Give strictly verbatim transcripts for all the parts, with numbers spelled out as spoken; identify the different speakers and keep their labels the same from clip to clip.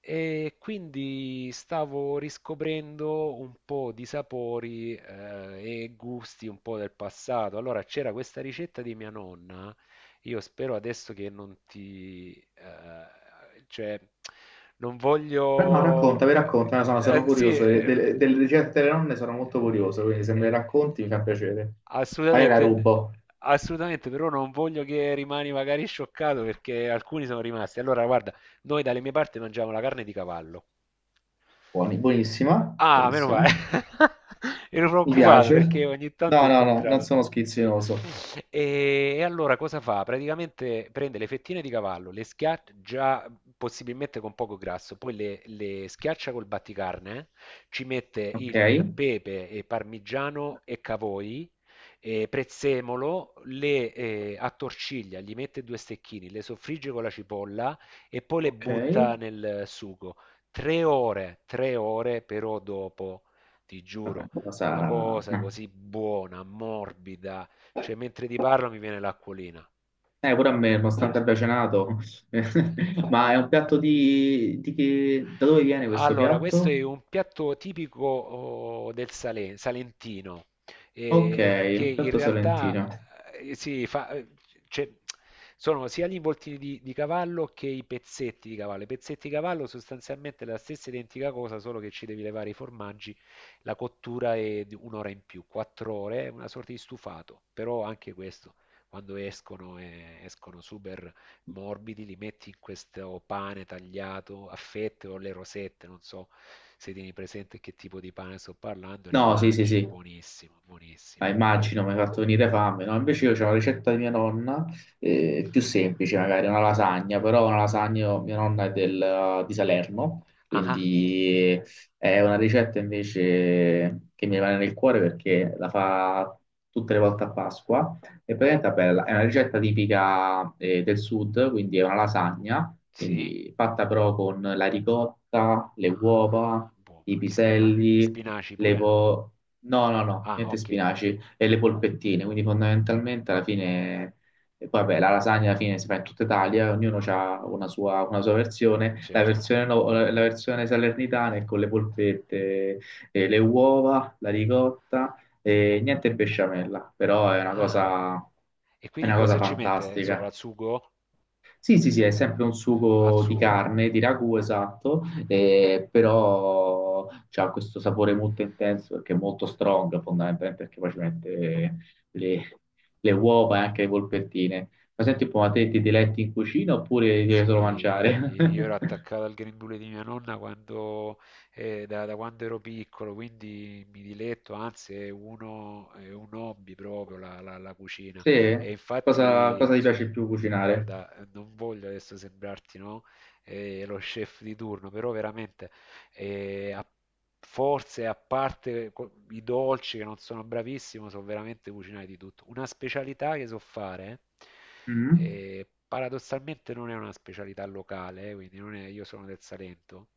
Speaker 1: E quindi stavo riscoprendo un po' di sapori eh, e gusti un po' del passato. Allora c'era questa ricetta di mia nonna. Io spero adesso che non ti, eh, cioè, non
Speaker 2: Beh, no,
Speaker 1: voglio.
Speaker 2: raccontami, raccontami, sono,
Speaker 1: Eh,
Speaker 2: sono
Speaker 1: eh, sì. eh,
Speaker 2: curioso, de- de-
Speaker 1: eh,
Speaker 2: delle ricette delle nonne sono molto curioso, quindi se me le racconti mi fa piacere. Magari la
Speaker 1: Assolutamente,
Speaker 2: rubo.
Speaker 1: assolutamente, però non voglio che rimani magari scioccato perché alcuni sono rimasti. Allora, guarda, noi dalle mie parti mangiamo la carne di cavallo.
Speaker 2: Buoni, buonissima,
Speaker 1: Ah, meno male.
Speaker 2: buonissima,
Speaker 1: Ero
Speaker 2: mi
Speaker 1: preoccupato
Speaker 2: piace.
Speaker 1: perché ogni tanto ho
Speaker 2: No, no, no, non
Speaker 1: incontrato.
Speaker 2: sono schizzinoso.
Speaker 1: E, e allora cosa fa? Praticamente prende le fettine di cavallo, le schiaccia, già possibilmente con poco grasso, poi le, le schiaccia col batticarne, ci mette
Speaker 2: Ok,
Speaker 1: il pepe e parmigiano e cavoi, e prezzemolo, le eh, attorciglia, gli mette due stecchini, le soffrigge con la cipolla e poi le
Speaker 2: ok,
Speaker 1: butta nel sugo. Tre ore, tre ore però dopo, ti
Speaker 2: vabbè,
Speaker 1: giuro, una
Speaker 2: cosa...
Speaker 1: cosa così buona, morbida, cioè mentre ti parlo mi viene l'acquolina.
Speaker 2: Eh, pure a me, nonostante abbia cenato. Ma è un piatto di... di che... Da dove viene questo
Speaker 1: Allora, questo
Speaker 2: piatto?
Speaker 1: è un piatto tipico oh, del Sale- Salentino,
Speaker 2: Ok,
Speaker 1: eh, che
Speaker 2: un
Speaker 1: in
Speaker 2: piatto
Speaker 1: realtà
Speaker 2: salentino.
Speaker 1: eh, si fa, eh, cioè, sono sia gli involtini di, di cavallo che i pezzetti di cavallo. I pezzetti di cavallo sostanzialmente è la stessa identica cosa, solo che ci devi levare i formaggi, la cottura è di un'ora in più, quattro ore, è una sorta di stufato, però anche questo, quando escono, eh, escono super morbidi, li metti in questo pane tagliato a fette o le rosette, non so se tieni presente che tipo di pane sto parlando, e le
Speaker 2: No, sì, sì,
Speaker 1: mangi,
Speaker 2: sì.
Speaker 1: buonissimo,
Speaker 2: Ah,
Speaker 1: buonissimo, buonissimo.
Speaker 2: immagino, mi hai fatto venire fame, no? Invece io ho la ricetta di mia nonna, eh, più semplice magari, una lasagna, però una lasagna, mia nonna è del- eh, di Salerno,
Speaker 1: Ah, ah,
Speaker 2: quindi è una ricetta invece che mi rimane nel cuore perché la fa tutte le volte a Pasqua, e praticamente è bella, è una ricetta tipica, eh, del sud, quindi è una lasagna,
Speaker 1: sì?
Speaker 2: quindi fatta però con la ricotta, le uova,
Speaker 1: Ah,
Speaker 2: i
Speaker 1: buono. Gli spina- gli
Speaker 2: piselli,
Speaker 1: spinaci
Speaker 2: le
Speaker 1: pure?
Speaker 2: po... no, no, no,
Speaker 1: Ah,
Speaker 2: niente
Speaker 1: ok,
Speaker 2: spinaci e le polpettine, quindi fondamentalmente alla fine, e poi vabbè, la lasagna alla fine si fa in tutta Italia, ognuno ha una sua, una sua versione, la
Speaker 1: certo.
Speaker 2: versione, no- la versione salernitana è con le polpette, e le uova, la ricotta e niente besciamella, però è una
Speaker 1: Ah,
Speaker 2: cosa,
Speaker 1: e
Speaker 2: è
Speaker 1: quindi
Speaker 2: una cosa
Speaker 1: cosa ci mette sopra?
Speaker 2: fantastica.
Speaker 1: Al sugo?
Speaker 2: Sì, sì, sì, è sempre un
Speaker 1: Al
Speaker 2: sugo di
Speaker 1: sugo.
Speaker 2: carne, di ragù, esatto, eh, però ha questo sapore molto intenso perché è molto strong, fondamentalmente, perché poi ci mette le, le uova e anche le polpettine. Ma senti un po', ma te ti diletti in cucina oppure devi
Speaker 1: Sì,
Speaker 2: solo mangiare?
Speaker 1: io ero attaccato al grembiule di mia nonna quando, eh, da, da quando ero piccolo, quindi mi diletto, anzi è, uno, è un hobby proprio la, la- la cucina.
Speaker 2: Sì?
Speaker 1: E
Speaker 2: Cosa,
Speaker 1: infatti,
Speaker 2: cosa ti
Speaker 1: s-
Speaker 2: piace più cucinare?
Speaker 1: guarda, non voglio adesso sembrarti, no? eh, lo chef di turno, però veramente e a- forse a parte co- i dolci che non sono bravissimo, so veramente cucinare di tutto. Una specialità che so fare,
Speaker 2: Mm?
Speaker 1: eh, paradossalmente non è una specialità locale, eh, quindi non è- io sono del Salento.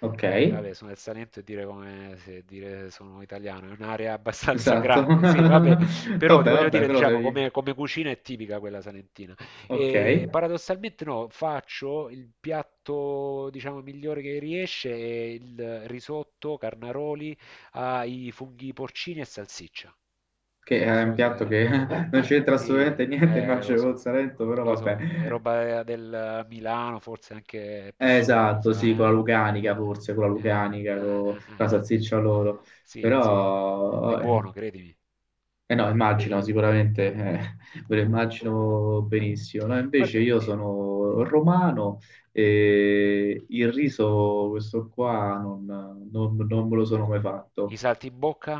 Speaker 2: Ok,
Speaker 1: E vabbè, sono del Salento e dire come se dire sono italiano è un'area abbastanza
Speaker 2: esatto.
Speaker 1: grande, sì, vabbè, però ti
Speaker 2: Vabbè,
Speaker 1: voglio
Speaker 2: vabbè,
Speaker 1: dire,
Speaker 2: però
Speaker 1: diciamo,
Speaker 2: sei...
Speaker 1: come, come cucina è tipica quella salentina.
Speaker 2: Ok.
Speaker 1: E paradossalmente no, faccio il piatto, diciamo, migliore che riesce, è il risotto carnaroli ai funghi porcini e salsiccia.
Speaker 2: Che
Speaker 1: Non
Speaker 2: è un
Speaker 1: so
Speaker 2: piatto
Speaker 1: se.
Speaker 2: che non c'entra
Speaker 1: Sì,
Speaker 2: assolutamente niente,
Speaker 1: eh, lo
Speaker 2: Marcello col
Speaker 1: so,
Speaker 2: Salento, però
Speaker 1: lo
Speaker 2: vabbè.
Speaker 1: so, è roba del Milano, forse anche più
Speaker 2: Eh,
Speaker 1: sopra, mi
Speaker 2: Esatto, sì,
Speaker 1: sa,
Speaker 2: con
Speaker 1: eh.
Speaker 2: la Lucanica forse, con la
Speaker 1: Eh,
Speaker 2: Lucanica,
Speaker 1: eh,
Speaker 2: con
Speaker 1: eh,
Speaker 2: la
Speaker 1: eh, eh.
Speaker 2: salsiccia loro,
Speaker 1: Sì, sì, è
Speaker 2: però... Eh,
Speaker 1: buono, credimi.
Speaker 2: eh no, immagino sicuramente, eh, ve lo immagino benissimo. No, invece
Speaker 1: Guarda,
Speaker 2: io
Speaker 1: eh,
Speaker 2: sono romano e il riso, questo qua, non, non- non me lo sono mai
Speaker 1: i
Speaker 2: fatto.
Speaker 1: saltimbocca.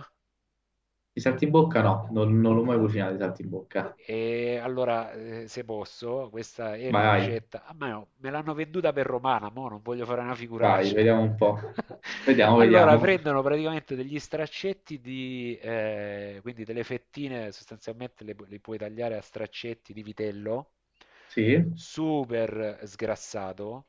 Speaker 2: I saltimbocca no, non, non l'ho mai cucinato i saltimbocca.
Speaker 1: E allora, eh, se posso, questa è una
Speaker 2: Vai, vai.
Speaker 1: ricetta. Ah, ma no, me l'hanno venduta per romana, mo non voglio fare una
Speaker 2: Vai,
Speaker 1: figuraccia.
Speaker 2: vediamo un po'. Vediamo,
Speaker 1: Allora,
Speaker 2: vediamo.
Speaker 1: prendono praticamente degli straccetti di, eh, quindi delle fettine, sostanzialmente le, pu- le puoi tagliare a straccetti di vitello,
Speaker 2: Sì,
Speaker 1: super sgrassato,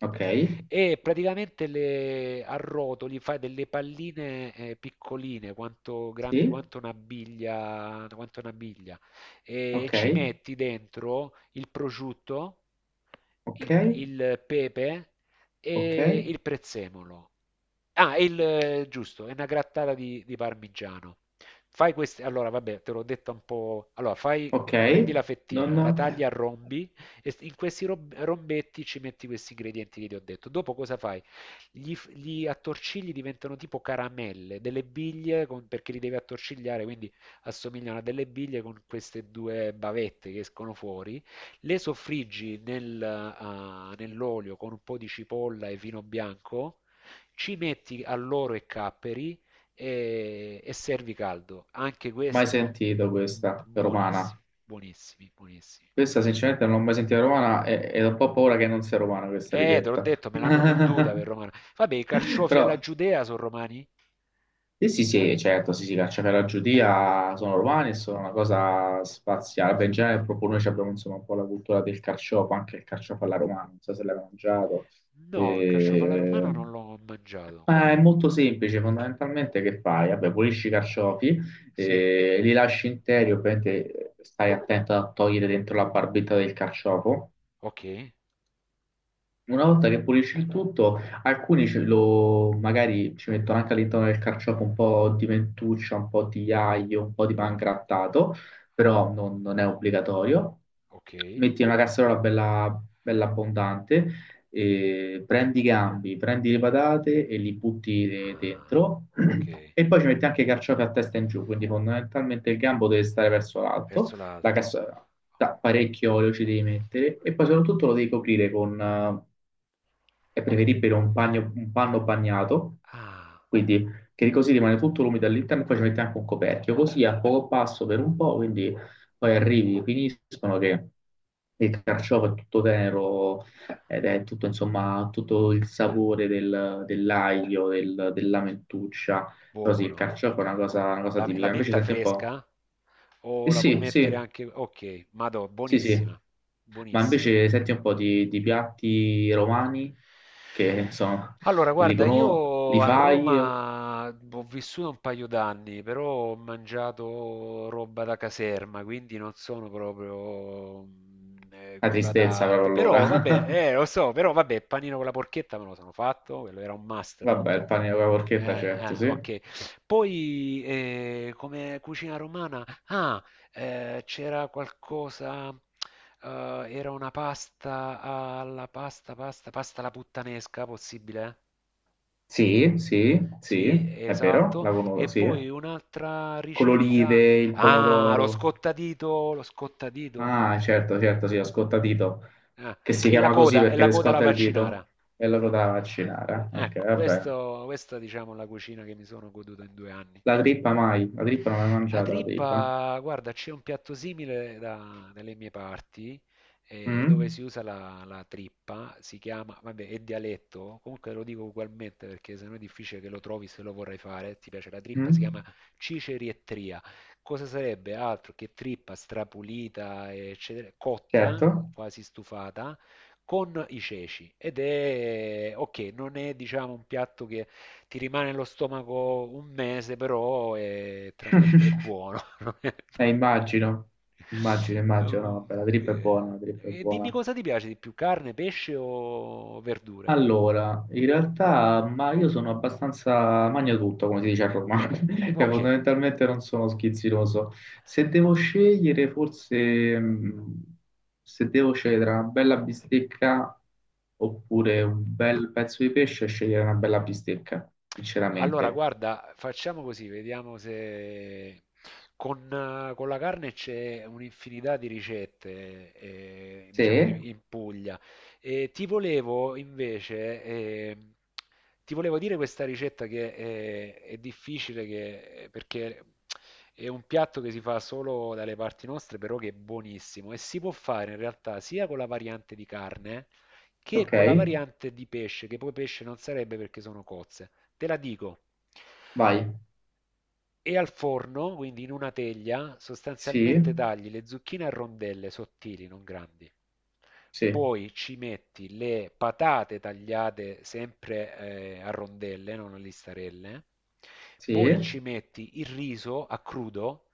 Speaker 2: ok,
Speaker 1: e praticamente le arrotoli, fai delle palline, eh, piccoline, quanto grandi
Speaker 2: sì,
Speaker 1: quanto una biglia, quanto una biglia e
Speaker 2: ok,
Speaker 1: ci metti dentro il prosciutto,
Speaker 2: ok,
Speaker 1: il, il pepe
Speaker 2: ok,
Speaker 1: e il prezzemolo. Ah, il, eh, giusto, è una grattata di, di parmigiano. Fai queste, allora vabbè, te l'ho detto un po'. Allora, fai,
Speaker 2: ok.
Speaker 1: prendi la
Speaker 2: Non
Speaker 1: fettina,
Speaker 2: ho
Speaker 1: la tagli a rombi e s- in questi rob- rombetti ci metti questi ingredienti che ti ho detto. Dopo cosa fai? Gli, f- gli attorcigli diventano tipo caramelle, delle biglie con- perché li devi attorcigliare, quindi assomigliano a delle biglie con queste due bavette che escono fuori. Le soffriggi nel, ah, nell'olio con un po' di cipolla e vino bianco ci metti alloro e capperi e, e servi caldo. Anche
Speaker 2: mai
Speaker 1: questo
Speaker 2: sentito questa
Speaker 1: buonissimo,
Speaker 2: romana.
Speaker 1: buonissimi, buonissimi.
Speaker 2: Questa sinceramente non l'ho mai sentita romana e, e ho un po' paura che non sia romana questa
Speaker 1: Eh, te l'ho
Speaker 2: ricetta.
Speaker 1: detto, me l'hanno venduta per romana. Vabbè, i carciofi
Speaker 2: Però
Speaker 1: alla giudea sono romani?
Speaker 2: sì, sì, sì, certo, sì, sì, cacciavite alla giudia sono romani e sono una cosa spaziale. Beh, in genere proprio noi ci abbiamo insomma un po' la cultura del carciofo, anche il carciofo alla romana, non so se l'hai mangiato.
Speaker 1: No, il carciofo alla
Speaker 2: Eh,
Speaker 1: romana non l'ho mangiato.
Speaker 2: Ma è
Speaker 1: Com'è?
Speaker 2: molto semplice, fondamentalmente che fai? Vabbè, pulisci i carciofi,
Speaker 1: Sì,
Speaker 2: eh, li lasci interi, ovviamente eh, stai attento a togliere dentro la barbetta del carciofo,
Speaker 1: ok,
Speaker 2: una volta che pulisci il tutto, alcuni ce lo, magari ci mettono anche all'interno del carciofo un po' di mentuccia, un po' di aglio, un po' di
Speaker 1: buona,
Speaker 2: pangrattato, però non, non è obbligatorio.
Speaker 1: ok.
Speaker 2: Metti una casseruola bella, bella abbondante, e prendi i gambi, prendi le patate e li butti de-
Speaker 1: Ah,
Speaker 2: dentro
Speaker 1: ok,
Speaker 2: e poi ci metti anche i carciofi a testa in giù, quindi fondamentalmente il gambo deve stare verso l'alto
Speaker 1: verso
Speaker 2: la
Speaker 1: l'alto.
Speaker 2: cassola da parecchio olio ci devi mettere e poi soprattutto lo devi coprire con, eh, è preferibile un, bagno- un panno bagnato,
Speaker 1: Ah,
Speaker 2: quindi che così rimane tutto l'umido all'interno, poi ci metti anche un coperchio, così a poco passo per un po', quindi poi arrivi, finiscono che il carciofo è tutto tenero ed è tutto, insomma, tutto il sapore del- dell'aglio, del- della mentuccia, però sì, il
Speaker 1: buono.
Speaker 2: carciofo è una cosa, una cosa
Speaker 1: La, la
Speaker 2: tipica, invece
Speaker 1: menta
Speaker 2: senti un po'...
Speaker 1: fresca? O
Speaker 2: Eh
Speaker 1: la puoi
Speaker 2: sì,
Speaker 1: mettere
Speaker 2: sì,
Speaker 1: anche. Ok, madò,
Speaker 2: sì, sì,
Speaker 1: buonissima,
Speaker 2: ma
Speaker 1: buonissima.
Speaker 2: invece senti un po' di, di piatti romani che sono,
Speaker 1: Allora,
Speaker 2: li,
Speaker 1: guarda,
Speaker 2: cono-
Speaker 1: io
Speaker 2: li
Speaker 1: a
Speaker 2: fai?
Speaker 1: Roma ho vissuto un paio d'anni, però ho mangiato roba da caserma, quindi non sono proprio mm, eh,
Speaker 2: La
Speaker 1: quello
Speaker 2: tristezza però
Speaker 1: adatto. Però vabbè,
Speaker 2: allora.
Speaker 1: eh, lo so, però vabbè, panino con la porchetta me lo sono fatto, quello era un must, no?
Speaker 2: Vabbè, il pane con la porchetta
Speaker 1: Eh, eh,
Speaker 2: certo, sì.
Speaker 1: ok. Poi eh, come cucina romana, ah, eh, c'era qualcosa, eh, era una pasta alla pasta, pasta, pasta alla puttanesca, possibile?
Speaker 2: Sì, sì, sì,
Speaker 1: Sì,
Speaker 2: è vero,
Speaker 1: esatto.
Speaker 2: la conosco,
Speaker 1: E
Speaker 2: sì.
Speaker 1: poi un'altra
Speaker 2: Con
Speaker 1: ricetta,
Speaker 2: l'olive, il
Speaker 1: ah, lo
Speaker 2: pomodoro.
Speaker 1: scottadito, lo scottadito.
Speaker 2: Ah, certo, certo, sì, lo scottadito,
Speaker 1: Ah,
Speaker 2: che si
Speaker 1: e la
Speaker 2: chiama così
Speaker 1: coda, e
Speaker 2: perché
Speaker 1: la
Speaker 2: ti
Speaker 1: coda alla
Speaker 2: scotta il
Speaker 1: vaccinara.
Speaker 2: dito e loro da vaccinare. Ok,
Speaker 1: Ecco,
Speaker 2: vabbè.
Speaker 1: questo, questa diciamo è la cucina che mi sono goduto in due anni.
Speaker 2: La trippa mai, la trippa non l'hai
Speaker 1: La
Speaker 2: mangiata, la trippa.
Speaker 1: trippa, guarda, c'è un piatto simile da- dalle mie parti, eh, dove
Speaker 2: Mm?
Speaker 1: si usa la, la trippa, si chiama, vabbè, è dialetto, comunque lo dico ugualmente perché sennò è difficile che lo trovi se lo vorrai fare, ti piace la trippa, si chiama
Speaker 2: Mm?
Speaker 1: cicerietria. Cosa sarebbe altro che trippa strapulita, eccetera, cotta,
Speaker 2: Certo.
Speaker 1: quasi stufata, con i ceci. Ed è, ok, non è diciamo un piatto che ti rimane allo stomaco un mese, però è, tra- è- è buono. non è-
Speaker 2: Eh,
Speaker 1: non-
Speaker 2: immagino, immagino, immagino, no,
Speaker 1: Ehm,
Speaker 2: vabbè, la trip è
Speaker 1: eh,
Speaker 2: buona, la trip è
Speaker 1: E dimmi
Speaker 2: buona.
Speaker 1: cosa ti piace di più, carne, pesce o verdure?
Speaker 2: Allora, in realtà, ma io sono abbastanza magnatutto, come si dice a Roma, cioè
Speaker 1: Ok.
Speaker 2: fondamentalmente non sono schizzinoso. Se devo scegliere, forse, mh, se devo scegliere tra una bella bistecca oppure un bel pezzo di pesce, scegliere una bella bistecca,
Speaker 1: Allora,
Speaker 2: sinceramente.
Speaker 1: guarda, facciamo così, vediamo se con, eh, con la carne c'è un'infinità di ricette, eh,
Speaker 2: Sì,
Speaker 1: diciamo, in, in Puglia. E ti volevo invece, eh, ti volevo dire questa ricetta che eh, è, difficile che- perché è un piatto che si fa solo dalle parti nostre, però che è buonissimo e si può fare in realtà sia con la variante di carne che
Speaker 2: ok,
Speaker 1: con la variante di pesce, che poi pesce non sarebbe perché sono cozze. Te la dico.
Speaker 2: vai,
Speaker 1: E al forno, quindi in una teglia,
Speaker 2: sì,
Speaker 1: sostanzialmente tagli le zucchine a rondelle sottili, non grandi.
Speaker 2: sì,
Speaker 1: Poi ci metti le patate tagliate sempre eh, a rondelle, non a listarelle.
Speaker 2: sì,
Speaker 1: Poi ci metti il riso a crudo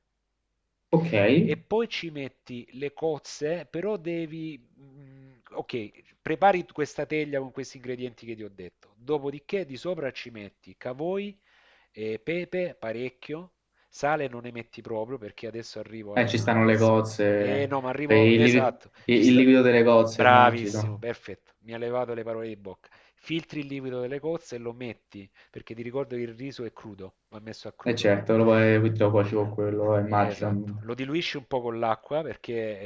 Speaker 2: ok.
Speaker 1: e poi ci metti le cozze, però devi. Mm, ok, prepari questa teglia con questi ingredienti che ti ho detto. Dopodiché di sopra ci metti cavoi, e pepe parecchio, sale non ne metti proprio perché adesso arrivo
Speaker 2: Eh, ci
Speaker 1: alla,
Speaker 2: stanno
Speaker 1: al...
Speaker 2: le
Speaker 1: s- Eh
Speaker 2: cozze,
Speaker 1: no, ma arrivo.
Speaker 2: eh, il, livi-
Speaker 1: Esatto, ci
Speaker 2: il- il
Speaker 1: sta.
Speaker 2: liquido delle cozze,
Speaker 1: Bravissimo,
Speaker 2: immagino.
Speaker 1: perfetto, mi ha levato le parole di bocca. Filtri il liquido delle cozze e lo metti, perché ti ricordo che il riso è crudo, va messo a
Speaker 2: E
Speaker 1: crudo.
Speaker 2: certo, lo puoi, lo cuoci con quello, eh, immagino.
Speaker 1: Esatto, lo diluisci un po' con l'acqua perché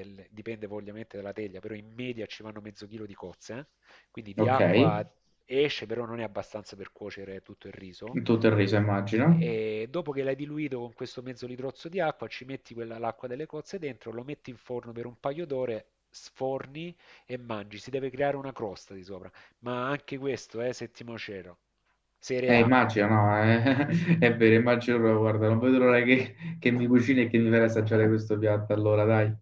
Speaker 1: eh, l- dipende poi ovviamente dalla teglia, però in media ci vanno mezzo chilo di cozze, eh. Quindi di
Speaker 2: Ok,
Speaker 1: acqua esce, però non è abbastanza per cuocere tutto il riso.
Speaker 2: tutto il riso, immagino.
Speaker 1: E dopo che l'hai diluito con questo mezzo litrozzo di acqua, ci metti quella, l'acqua delle cozze dentro, lo metti in forno per un paio d'ore, sforni e mangi. Si deve creare una crosta di sopra, ma anche questo è eh, settimo cielo, serie
Speaker 2: Eh,
Speaker 1: A.
Speaker 2: immagino, no, eh, è vero, immagino, guarda, non vedo l'ora che, che mi cucini e che mi fai assaggiare questo piatto, allora, dai.